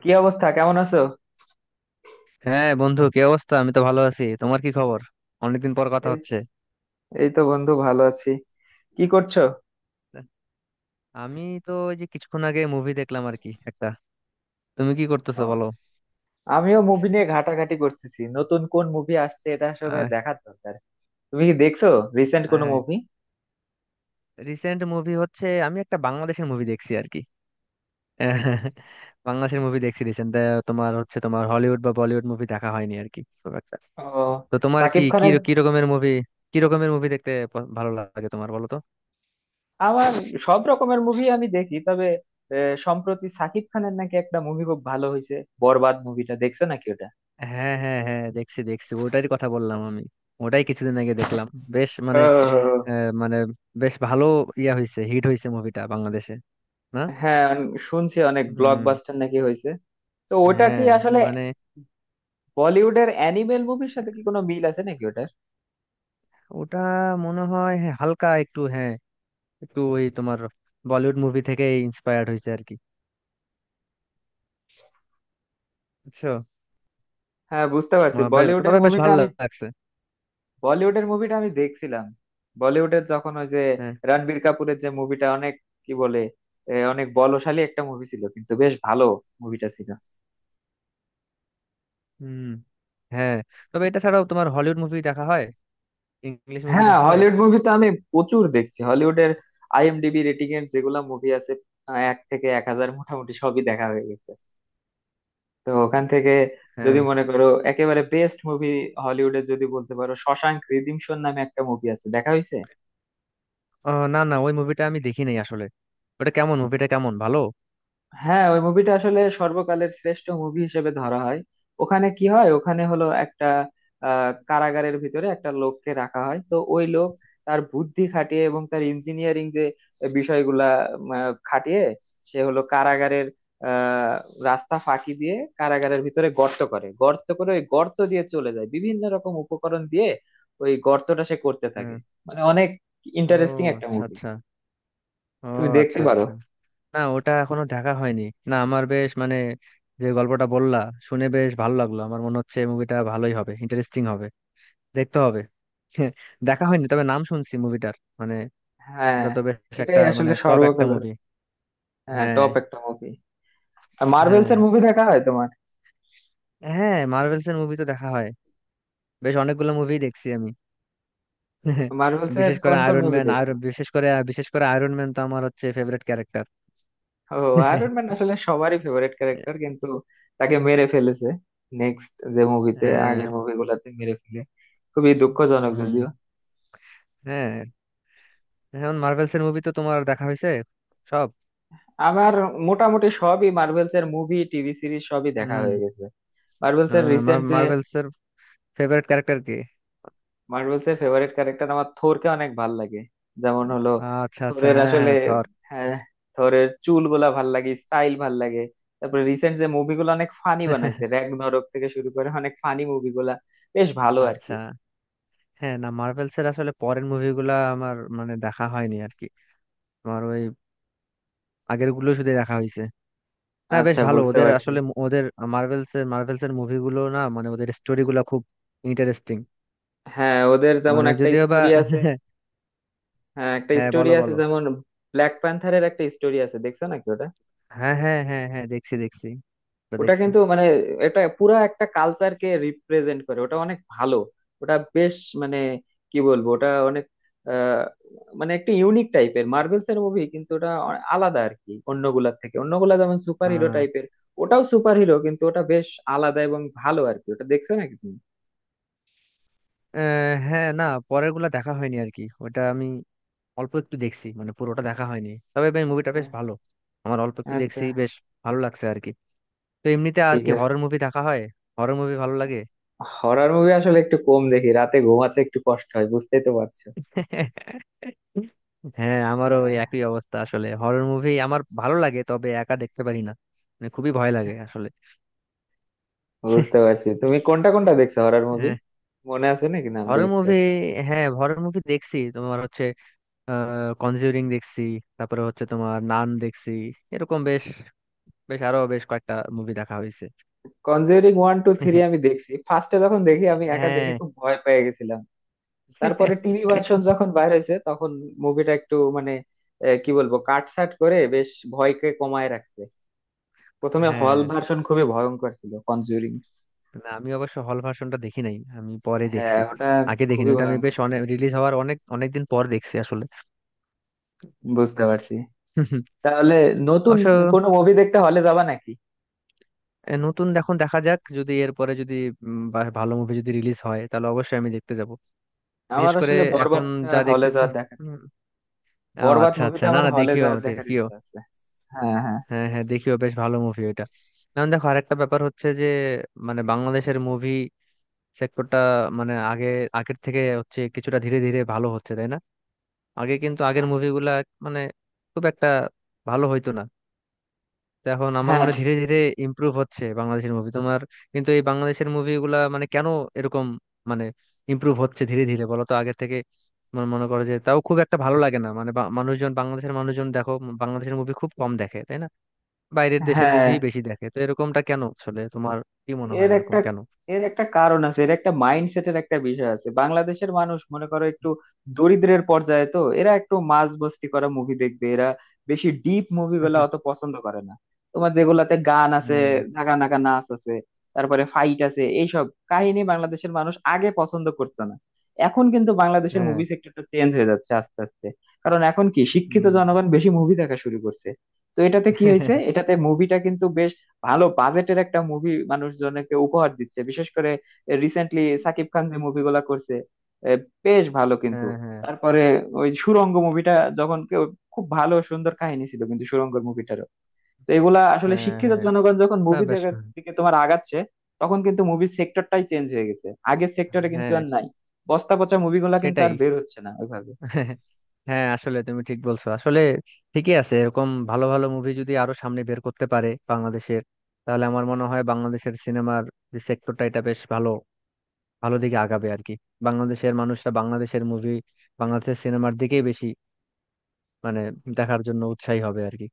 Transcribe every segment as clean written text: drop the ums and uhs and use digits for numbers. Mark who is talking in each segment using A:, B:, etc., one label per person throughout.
A: কি অবস্থা, কেমন আছো?
B: হ্যাঁ বন্ধু, কি অবস্থা? আমি তো ভালো আছি। তোমার কি খবর? অনেকদিন পর কথা
A: এই
B: হচ্ছে।
A: এই তো, বন্ধু, ভালো আছি। কি করছো?
B: আমি তো ওই যে কিছুক্ষণ আগে মুভি দেখলাম আর কি একটা। তুমি কি করতেছো
A: ও,
B: বলো।
A: আমিও মুভি নিয়ে ঘাটাঘাটি করতেছি, নতুন কোন মুভি আসছে এটা আসলে
B: আহ,
A: দেখার দরকার। তুমি কি দেখছো, রিসেন্ট কোনো
B: আহ,
A: মুভি?
B: রিসেন্ট মুভি হচ্ছে, আমি একটা বাংলাদেশের মুভি দেখছি আর কি। আহ, বাংলাদেশের মুভি দেখছি রিসেন্ট। তোমার হলিউড বা বলিউড মুভি দেখা হয়নি আর কি খুব একটা।
A: ও,
B: তো তোমার কি
A: সাকিব
B: কি
A: খানের।
B: কি রকমের মুভি কি রকমের মুভি দেখতে ভালো লাগে তোমার? বলো তো।
A: আমার সব রকমের মুভি আমি দেখি, তবে সম্প্রতি সাকিব খানের নাকি একটা মুভি খুব ভালো হয়েছে। বরবাদ মুভিটা দেখছো নাকি ওটা?
B: হ্যাঁ, হ্যাঁ, হ্যাঁ, দেখছি, দেখছি, ওটারই কথা বললাম আমি। ওটাই কিছুদিন আগে দেখলাম। বেশ, মানে,
A: ও,
B: মানে বেশ ভালো। ইয়া, হয়েছে, হিট হয়েছে মুভিটা বাংলাদেশে। না।
A: হ্যাঁ। আমি শুনছি অনেক
B: হুম।
A: ব্লকবাস্টার নাকি হয়েছে। তো ওটা কি
B: হ্যাঁ,
A: আসলে
B: মানে
A: বলিউডের অ্যানিমেল মুভির সাথে কি কোনো মিল আছে নাকি?
B: ওটা মনে হয়, হ্যাঁ, হালকা একটু, হ্যাঁ, একটু ওই তোমার বলিউড মুভি থেকে ইন্সপায়ার্ড হয়েছে আর কি। বুঝছো?
A: হ্যাঁ, বুঝতে পারছি। বলিউডের
B: তবে বেশ
A: মুভিটা
B: ভালো
A: আমি,
B: লাগছে।
A: বলিউডের মুভিটা আমি দেখছিলাম। বলিউডের যখন ওই যে
B: হ্যাঁ।
A: রণবীর কাপুরের, যে মুভিটা অনেক, কি বলে, অনেক বলশালী একটা মুভি ছিল, কিন্তু বেশ ভালো মুভিটা ছিল।
B: হুম। হ্যাঁ, তবে এটা ছাড়াও তোমার হলিউড মুভি দেখা হয়? ইংলিশ মুভি
A: হ্যাঁ,
B: দেখা হয়?
A: হলিউড মুভি তো আমি প্রচুর দেখছি। হলিউডের আইএমডিবি রেটিং এর যেগুলা মুভি আছে, এক থেকে 1000 মোটামুটি সবই দেখা হয়ে গেছে। তো ওখান থেকে
B: হ্যাঁ।
A: যদি মনে করো একেবারে বেস্ট মুভি হলিউডের, যদি বলতে পারো, শশাঙ্ক রিডিমশন নামে একটা মুভি আছে, দেখা হয়েছে?
B: ও, না না, ওই মুভিটা আমি দেখি নাই আসলে। ওটা কেমন? মুভিটা কেমন? ভালো?
A: হ্যাঁ, ওই মুভিটা আসলে সর্বকালের শ্রেষ্ঠ মুভি হিসেবে ধরা হয়। ওখানে কি হয়, ওখানে হলো একটা কারাগারের ভিতরে একটা লোককে রাখা হয়। তো ওই লোক তার বুদ্ধি খাটিয়ে এবং তার ইঞ্জিনিয়ারিং যে বিষয়গুলা খাটিয়ে সে হলো কারাগারের আহ রাস্তা ফাঁকি দিয়ে কারাগারের ভিতরে গর্ত করে গর্ত করে ওই গর্ত দিয়ে চলে যায় বিভিন্ন রকম উপকরণ দিয়ে। ওই গর্তটা সে করতে থাকে।
B: হ্যাঁ।
A: মানে অনেক
B: ও,
A: ইন্টারেস্টিং একটা
B: আচ্ছা,
A: মুভি।
B: আচ্ছা। ও,
A: তুমি দেখতে
B: আচ্ছা,
A: পারো।
B: আচ্ছা। না, ওটা এখনো দেখা হয়নি। না, আমার বেশ মানে, যে গল্পটা বললা শুনে বেশ ভালো লাগলো, আমার মনে হচ্ছে মুভিটা ভালোই হবে, ইন্টারেস্টিং হবে। দেখতে হবে। দেখা হয়নি তবে নাম শুনছি মুভিটার। মানে
A: হ্যাঁ,
B: ওটা তো বেশ একটা,
A: এটাই
B: মানে
A: আসলে
B: টপ একটা
A: সর্বকালের,
B: মুভি।
A: হ্যাঁ,
B: হ্যাঁ।
A: টপ একটা মুভি। আর মার্ভেলস
B: হ্যাঁ,
A: এর মুভি দেখা হয় তোমার?
B: হ্যাঁ, মার্ভেলস এর মুভি তো দেখা হয়। বেশ অনেকগুলো মুভি দেখছি আমি।
A: মার্ভেলস এর
B: বিশেষ করে
A: কোন কোন
B: আয়রন
A: মুভি
B: ম্যান, আর
A: দেখছো?
B: বিশেষ করে আয়রন ম্যান তো আমার হচ্ছে ফেভারিট ক্যারেক্টার।
A: ও, আয়রন ম্যান আসলে সবারই ফেভারিট ক্যারেক্টার, কিন্তু তাকে মেরে ফেলেছে নেক্সট যে মুভিতে,
B: হ্যাঁ।
A: আগের মুভিগুলোতে মেরে ফেলে। খুবই দুঃখজনক
B: হুম।
A: যদিও।
B: হ্যাঁ, এখন মার্ভেলস এর মুভি তো তোমার দেখা হয়েছে সব?
A: আমার মোটামুটি সবই মার্ভেলস এর মুভি, টিভি সিরিজ সবই দেখা
B: হুম।
A: হয়ে গেছে। মার্ভেলস এর রিসেন্ট
B: মার্ভেলস এর ফেভারিট ক্যারেক্টার কি?
A: মার্ভেলস এর ফেভারিট ক্যারেক্টার আমার থোরকে অনেক ভাল লাগে। যেমন হলো
B: আচ্ছা, আচ্ছা,
A: থোরের
B: হ্যাঁ,
A: আসলে,
B: হ্যাঁ, থর।
A: হ্যাঁ, থোরের চুলগুলা ভাল লাগে, স্টাইল ভাল লাগে। তারপরে রিসেন্ট যে মুভিগুলো অনেক ফানি বানাইছে, র‍্যাগনারক থেকে শুরু করে অনেক ফানি মুভিগুলা বেশ ভালো আর কি।
B: আচ্ছা। হ্যাঁ, না, মার্ভেলস এর আসলে পরের মুভিগুলা আমার মানে দেখা হয়নি আর কি। আমার ওই আগের গুলো শুধু দেখা হয়েছে। না, বেশ
A: আচ্ছা,
B: ভালো
A: বুঝতে
B: ওদের
A: পারছি।
B: আসলে ওদের মার্ভেলস এর মুভিগুলো, না মানে ওদের স্টোরি গুলা খুব ইন্টারেস্টিং।
A: হ্যাঁ, ওদের যেমন
B: মানে
A: একটা
B: যদিও বা,
A: স্টোরি আছে, হ্যাঁ একটা
B: হ্যাঁ,
A: স্টোরি
B: বলো,
A: আছে
B: বলো।
A: যেমন ব্ল্যাক প্যান্থারের একটা স্টোরি আছে, দেখছো নাকি ওটা?
B: হ্যাঁ, হ্যাঁ, হ্যাঁ, হ্যাঁ, দেখছি, দেখছি। ওটা
A: ওটা
B: দেখছি।
A: কিন্তু মানে এটা পুরা একটা কালচারকে রিপ্রেজেন্ট করে, ওটা অনেক ভালো। ওটা বেশ, মানে কি বলবো, ওটা অনেক আহ, মানে একটা ইউনিক টাইপের মার্ভেলস এর মুভি, কিন্তু ওটা আলাদা আর কি অন্যগুলার থেকে। অন্যগুলা যেমন সুপার হিরো
B: আহ
A: টাইপের, ওটাও সুপার হিরো, কিন্তু ওটা বেশ আলাদা এবং ভালো আর কি। ওটা দেখছো নাকি তুমি?
B: আহ, হ্যাঁ, না, পরের গুলা দেখা হয়নি আর কি। ওটা আমি অল্প একটু দেখছি, মানে পুরোটা দেখা হয়নি, তবে ভাই মুভিটা
A: আহ,
B: বেশ ভালো। আমার অল্প একটু
A: আচ্ছা,
B: দেখছি, বেশ ভালো লাগছে আর কি। তো এমনিতে আর
A: ঠিক
B: কি,
A: আছে।
B: হরর মুভি দেখা হয়? হরর মুভি ভালো লাগে?
A: হরর মুভি আসলে একটু কম দেখি, রাতে ঘুমাতে একটু কষ্ট হয়, বুঝতেই তো পারছো।
B: হ্যাঁ, আমারও ওই
A: হ্যাঁ,
B: একই অবস্থা আসলে। হরর মুভি আমার ভালো লাগে, তবে একা দেখতে পারি না, মানে খুবই ভয় লাগে আসলে।
A: বুঝতে পারছি। তুমি কোনটা কোনটা দেখছো হরর মুভি, মনে আছে নাকি নাম দু
B: হরর
A: একটা?
B: মুভি, হ্যাঁ হরর মুভি দেখছি। তোমার হচ্ছে কনজিউরিং দেখছি, তারপরে হচ্ছে তোমার নান দেখছি, এরকম বেশ বেশ আরো বেশ কয়েকটা মুভি দেখা হয়েছে।
A: কনজিউরিং ওয়ান টু থ্রি আমি দেখছি, ফার্স্টে যখন দেখি আমি একা
B: হ্যাঁ,
A: দেখে খুব ভয় পেয়ে গেছিলাম। তারপরে টিভি ভার্সন যখন বাইর হয়েছে তখন মুভিটা একটু মানে কি বলবো কাটছাট করে বেশ ভয়কে কমায় রাখছে। প্রথমে
B: হ্যাঁ,
A: হল ভার্সন খুবই ভয়ঙ্কর ছিল কনজিউরিং।
B: না আমি অবশ্য হল ভার্সনটা দেখি নাই, আমি পরে
A: হ্যাঁ,
B: দেখছি।
A: ওটা
B: আগে দেখিনি
A: খুবই
B: ওটা আমি,
A: ভয়ঙ্কর
B: বেশ
A: ছিল।
B: অনেক রিলিজ হওয়ার অনেক অনেক দিন পর দেখছি আসলে।
A: বুঝতে পারছি। তাহলে নতুন
B: অবশ্য।
A: কোনো মুভি দেখতে হলে যাবা নাকি?
B: নতুন এখন দেখা যাক, যদি এরপরে যদি বা ভালো মুভি যদি রিলিজ হয় তাহলে অবশ্যই আমি দেখতে যাব। বিশেষ
A: আমার
B: করে
A: আসলে
B: এখন
A: বরবাদটা
B: যা
A: হলে
B: দেখতেছি।
A: যাওয়ার দেখা,
B: উম, ও,
A: বরবাদ
B: আচ্ছা, আচ্ছা,
A: মুভিটা
B: না
A: আমার
B: না,
A: হলে
B: দেখিও,
A: যাওয়ার দেখার
B: দেখিও।
A: ইচ্ছা আছে। হ্যাঁ, হ্যাঁ,
B: হ্যাঁ, হ্যাঁ, দেখিও, বেশ ভালো মুভি ওইটা। এখন দেখো, আরেকটা ব্যাপার হচ্ছে যে, মানে বাংলাদেশের মুভি সেক্টরটা, মানে আগে, আগের থেকে হচ্ছে কিছুটা ধীরে ধীরে ভালো হচ্ছে তাই না? আগে কিন্তু আগের মুভিগুলা মানে খুব একটা ভালো হইতো না। তো এখন আমার
A: হ্যাঁ,
B: মনে হয় ধীরে ধীরে ইমপ্রুভ হচ্ছে বাংলাদেশের মুভি, তোমার। কিন্তু এই বাংলাদেশের মুভিগুলা মানে কেন এরকম, মানে ইমপ্রুভ হচ্ছে ধীরে ধীরে বলো তো আগের থেকে? মনে মনে করো যে তাও খুব একটা ভালো লাগে না, মানে মানুষজন, বাংলাদেশের মানুষজন দেখো, বাংলাদেশের মুভি খুব কম দেখে তাই না। বাইরের দেশের
A: হ্যাঁ।
B: মুভি বেশি দেখে, তো এরকমটা কেন আসলে? তোমার কি মনে হয়
A: এর
B: এরকম
A: একটা
B: কেন?
A: এর একটা কারণ আছে, এর একটা মাইন্ডসেটের একটা বিষয় আছে। বাংলাদেশের মানুষ, মনে করো, একটু দরিদ্রের পর্যায়ে, তো এরা একটু মাঝ মস্তি করা মুভি দেখবে। এরা বেশি ডিপ মুভি গুলা অত পছন্দ করে না। তোমার যেগুলাতে গান আছে,
B: হ্যাঁ,
A: ঝাগা নাগা নাচ আছে, তারপরে ফাইট আছে, এইসব কাহিনী বাংলাদেশের মানুষ আগে পছন্দ করতো না। এখন কিন্তু বাংলাদেশের
B: হ্যাঁ।
A: মুভি সেক্টরটা চেঞ্জ হয়ে যাচ্ছে আস্তে আস্তে, কারণ এখন কি শিক্ষিত
B: হুম।
A: জনগণ বেশি মুভি দেখা শুরু করছে। তো এটাতে কি হয়েছে, এটাতে মুভিটা কিন্তু বেশ ভালো বাজেটের একটা মুভি মানুষজনকে উপহার দিচ্ছে। বিশেষ করে রিসেন্টলি সাকিব খান যে মুভিগুলা করছে, এ, বেশ ভালো কিন্তু।
B: হ্যাঁ, হ্যাঁ,
A: তারপরে ওই সুড়ঙ্গ মুভিটা যখন কেউ, খুব ভালো সুন্দর কাহিনী ছিল কিন্তু সুড়ঙ্গ মুভিটারও। তো এগুলা আসলে
B: হ্যাঁ,
A: শিক্ষিত
B: হ্যাঁ।
A: জনগণ যখন
B: না,
A: মুভি
B: বেশ
A: দেখার
B: ভালো।
A: দিকে তোমার আগাচ্ছে, তখন কিন্তু মুভি সেক্টরটাই চেঞ্জ হয়ে গেছে। আগের সেক্টরে কিন্তু
B: হ্যাঁ,
A: আর নাই, বস্তা পচা মুভিগুলা কিন্তু
B: সেটাই।
A: আর বের হচ্ছে না ওইভাবে।
B: হ্যাঁ আসলে তুমি ঠিক বলছো আসলে। ঠিকই আছে, এরকম ভালো ভালো মুভি যদি আরো সামনে বের করতে পারে বাংলাদেশের, তাহলে আমার মনে হয় বাংলাদেশের সিনেমার যে সেক্টরটা, এটা বেশ ভালো, ভালো দিকে আগাবে আর কি। বাংলাদেশের মানুষরা বাংলাদেশের মুভি, বাংলাদেশের সিনেমার দিকেই বেশি মানে দেখার জন্য উৎসাহী হবে আর কি।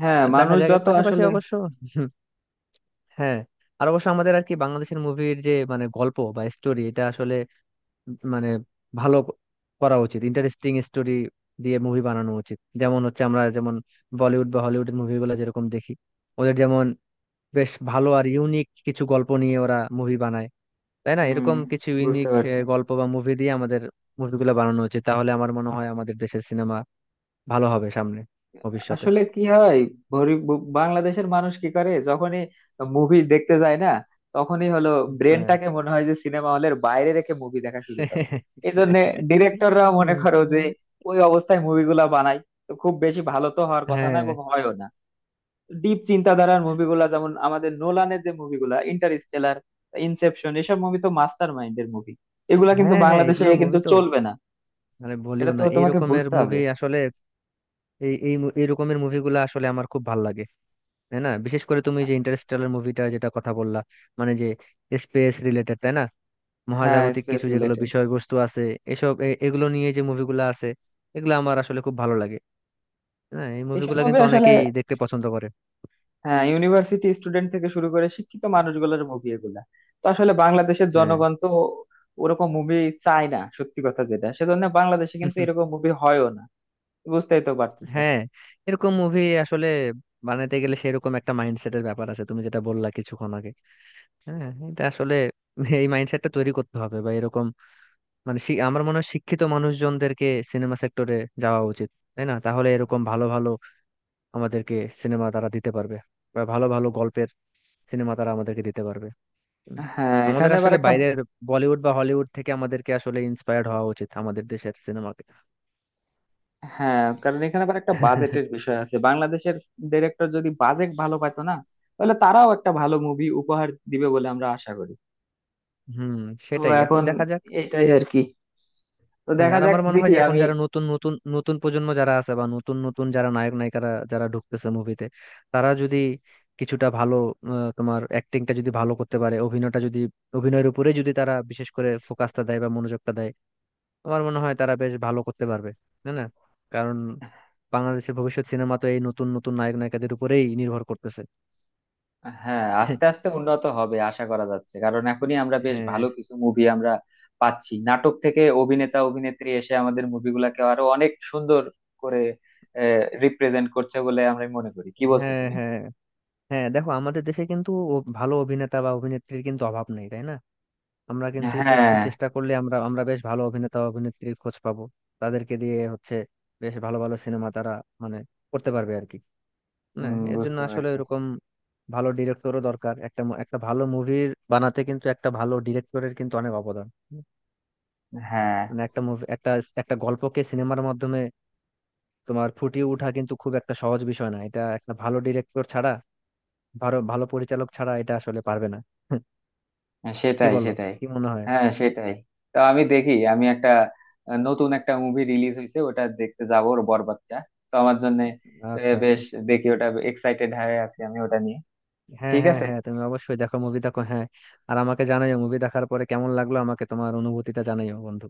A: হ্যাঁ,
B: দেখা
A: মানুষ
B: যাক, এর
A: যত
B: পাশাপাশি
A: আসলে,
B: অবশ্য। হ্যাঁ, আর অবশ্য আমাদের আর কি বাংলাদেশের মুভির যে মানে গল্প বা স্টোরি, এটা আসলে মানে ভালো করা উচিত। ইন্টারেস্টিং স্টোরি দিয়ে মুভি বানানো উচিত, যেমন হচ্ছে আমরা যেমন বলিউড বা হলিউডের মুভিগুলো যেরকম দেখি, ওদের যেমন বেশ ভালো আর ইউনিক কিছু গল্প নিয়ে ওরা মুভি বানায় তাই না,
A: হুম,
B: এরকম কিছু
A: বুঝতে
B: ইউনিক
A: পারছি।
B: গল্প বা মুভি দিয়ে আমাদের মুভিগুলো বানানো উচিত। তাহলে আমার মনে হয় আমাদের দেশের সিনেমা ভালো হবে সামনে, ভবিষ্যতে।
A: আসলে কি হয়, গরিব বাংলাদেশের মানুষ কি করে, যখনই মুভি দেখতে যায় না, তখনই হলো
B: হ্যাঁ।
A: ব্রেনটাকে মনে হয় যে সিনেমা হলের বাইরে রেখে মুভি দেখা শুরু করে।
B: হ্যাঁ,
A: এই জন্য ডিরেক্টররাও মনে করো যে ওই অবস্থায় মুভিগুলা বানায়, তো খুব বেশি ভালো তো হওয়ার কথা না,
B: হ্যাঁ,
A: এবং হয়ও না। ডিপ চিন্তাধারার মুভিগুলা যেমন আমাদের নোলানের যে মুভিগুলা, ইন্টারস্টেলার, ইনসেপশন, এসব মুভি তো মাস্টার মাইন্ডের মুভি, এগুলা কিন্তু
B: হ্যাঁ। হ্যাঁ,
A: বাংলাদেশে
B: এগুলো
A: কিন্তু
B: মুভি তো,
A: চলবে না।
B: মানে
A: এটা
B: বলিও
A: তো
B: না, এই
A: তোমাকে
B: রকমের
A: বুঝতে হবে।
B: মুভি আসলে। এই এই মু- এই রকমের মুভিগুলো আসলে আমার খুব ভালো লাগে। তাই না? বিশেষ করে তুমি যে ইন্টারস্টেলার মুভিটা যেটা কথা বললা, মানে যে স্পেস রিলেটেড তাই না?
A: হ্যাঁ,
B: মহাজাগতিক
A: স্পেস
B: কিছু যেগুলো
A: রিলেটেড
B: বিষয়বস্তু আছে, এসব এগুলো নিয়ে যে মুভিগুলো আছে, এগুলো আমার আসলে খুব ভালো লাগে। হ্যাঁ, এই
A: এইসব
B: মুভিগুলো
A: মুভি
B: কিন্তু
A: আসলে,
B: অনেকেই দেখতে পছন্দ করে।
A: হ্যাঁ, ইউনিভার্সিটি স্টুডেন্ট থেকে শুরু করে শিক্ষিত মানুষগুলোর মুভি এগুলা। তো আসলে বাংলাদেশের
B: হ্যাঁ।
A: জনগণ তো ওরকম মুভি চায় না সত্যি কথা যেটা, সেজন্য বাংলাদেশে কিন্তু এরকম মুভি হয়ও না। বুঝতেই তো পারতেছো।
B: হ্যাঁ, এরকম মুভি আসলে বানাতে গেলে সেরকম একটা মাইন্ডসেটের ব্যাপার আছে, তুমি যেটা বললা কিছুক্ষণ আগে। হ্যাঁ, এটা আসলে এই মাইন্ডসেটটা তৈরি করতে হবে বা এরকম, মানে আমার মনে হয় শিক্ষিত মানুষজনদেরকে সিনেমা সেক্টরে যাওয়া উচিত। তাই না? তাহলে এরকম ভালো ভালো আমাদেরকে সিনেমা তারা দিতে পারবে, বা ভালো ভালো গল্পের সিনেমা তারা আমাদেরকে দিতে পারবে। উম,
A: হ্যাঁ,
B: আমাদের
A: এখানে আবার
B: আসলে
A: একটা,
B: বাইরের বলিউড বা হলিউড থেকে আমাদেরকে আসলে ইন্সপায়ার্ড হওয়া উচিত, আমাদের দেশের সিনেমাকে।
A: হ্যাঁ কারণ এখানে আবার একটা বাজেটের বিষয় আছে। বাংলাদেশের ডিরেক্টর যদি বাজেট ভালো পাইতো না, তাহলে তারাও একটা ভালো মুভি উপহার দিবে বলে আমরা আশা করি।
B: হুম,
A: তো
B: সেটাই এখন
A: এখন
B: দেখা যাক।
A: এটাই আর কি, তো
B: হ্যাঁ,
A: দেখা
B: আর
A: যাক
B: আমার মনে হয়
A: দেখি
B: যে এখন
A: আমি।
B: যারা নতুন নতুন নতুন প্রজন্ম যারা আছে, বা নতুন নতুন যারা নায়ক নায়িকারা যারা ঢুকতেছে মুভিতে, তারা যদি কিছুটা ভালো তোমার অ্যাক্টিংটা যদি ভালো করতে পারে, অভিনয়টা যদি, অভিনয়ের উপরে যদি তারা বিশেষ করে ফোকাসটা দেয় বা মনোযোগটা দেয়, আমার মনে হয় তারা বেশ ভালো করতে পারবে, তাই না? কারণ বাংলাদেশের ভবিষ্যৎ সিনেমা তো এই নতুন নতুন নায়ক নায়িকাদের উপরেই নির্ভর করতেছে।
A: হ্যাঁ, আস্তে আস্তে উন্নত হবে আশা করা যাচ্ছে, কারণ এখনই আমরা বেশ
B: হ্যাঁ,
A: ভালো কিছু মুভি আমরা পাচ্ছি। নাটক থেকে অভিনেতা অভিনেত্রী এসে আমাদের মুভিগুলাকে আরো অনেক সুন্দর করে রিপ্রেজেন্ট করছে বলে আমরা মনে করি। কি বলছো
B: হ্যাঁ।
A: তুমি?
B: হ্যাঁ, হ্যাঁ, দেখো আমাদের দেশে কিন্তু ভালো অভিনেতা বা অভিনেত্রীর কিন্তু অভাব নেই, তাই না? আমরা কিন্তু একটু
A: হ্যাঁ,
B: চেষ্টা করলে আমরা আমরা বেশ ভালো অভিনেতা অভিনেত্রীর খোঁজ পাবো। তাদেরকে দিয়ে হচ্ছে বেশ ভালো ভালো সিনেমা তারা, মানে করতে পারবে আর কি। না,
A: হুম,
B: এর জন্য
A: বুঝতে
B: আসলে
A: পারছি।
B: এরকম ভালো ডিরেক্টরও দরকার। একটা একটা ভালো মুভির বানাতে কিন্তু একটা ভালো ডিরেক্টরের কিন্তু অনেক অবদান।
A: হ্যাঁ,
B: মানে একটা মুভি, একটা একটা গল্পকে সিনেমার মাধ্যমে তোমার ফুটিয়ে ওঠা কিন্তু খুব একটা সহজ বিষয় না, এটা একটা ভালো ডিরেক্টর ছাড়া, ভালো ভালো পরিচালক ছাড়া এটা আসলে পারবে না। কি
A: সেটাই
B: বলো?
A: সেটাই।
B: কি মনে হয়?
A: হ্যাঁ, সেটাই। তো আমি দেখি, আমি একটা নতুন একটা মুভি রিলিজ হয়েছে, ওটা দেখতে যাবো, ওর বরবাদটা। তো আমার জন্য
B: আচ্ছা,
A: বেশ,
B: আচ্ছা,
A: দেখি ওটা, এক্সাইটেড হয়ে আছি আমি ওটা নিয়ে।
B: হ্যাঁ,
A: ঠিক
B: হ্যাঁ,
A: আছে।
B: হ্যাঁ, তুমি অবশ্যই দেখো, মুভি দেখো, হ্যাঁ। আর আমাকে জানাইও মুভি দেখার পরে কেমন লাগলো, আমাকে তোমার অনুভূতিটা জানাইও বন্ধু।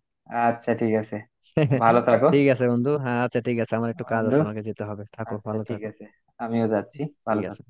A: আচ্ছা, ঠিক আছে। ভালো থাকো,
B: ঠিক আছে বন্ধু, হ্যাঁ, আচ্ছা, ঠিক আছে। আমার একটু কাজ
A: বন্ধু।
B: আছে, আমাকে যেতে হবে, থাকো,
A: আচ্ছা,
B: ভালো
A: ঠিক
B: থাকো।
A: আছে, আমিও যাচ্ছি,
B: ঠিক
A: ভালো
B: আছে।
A: থাকো।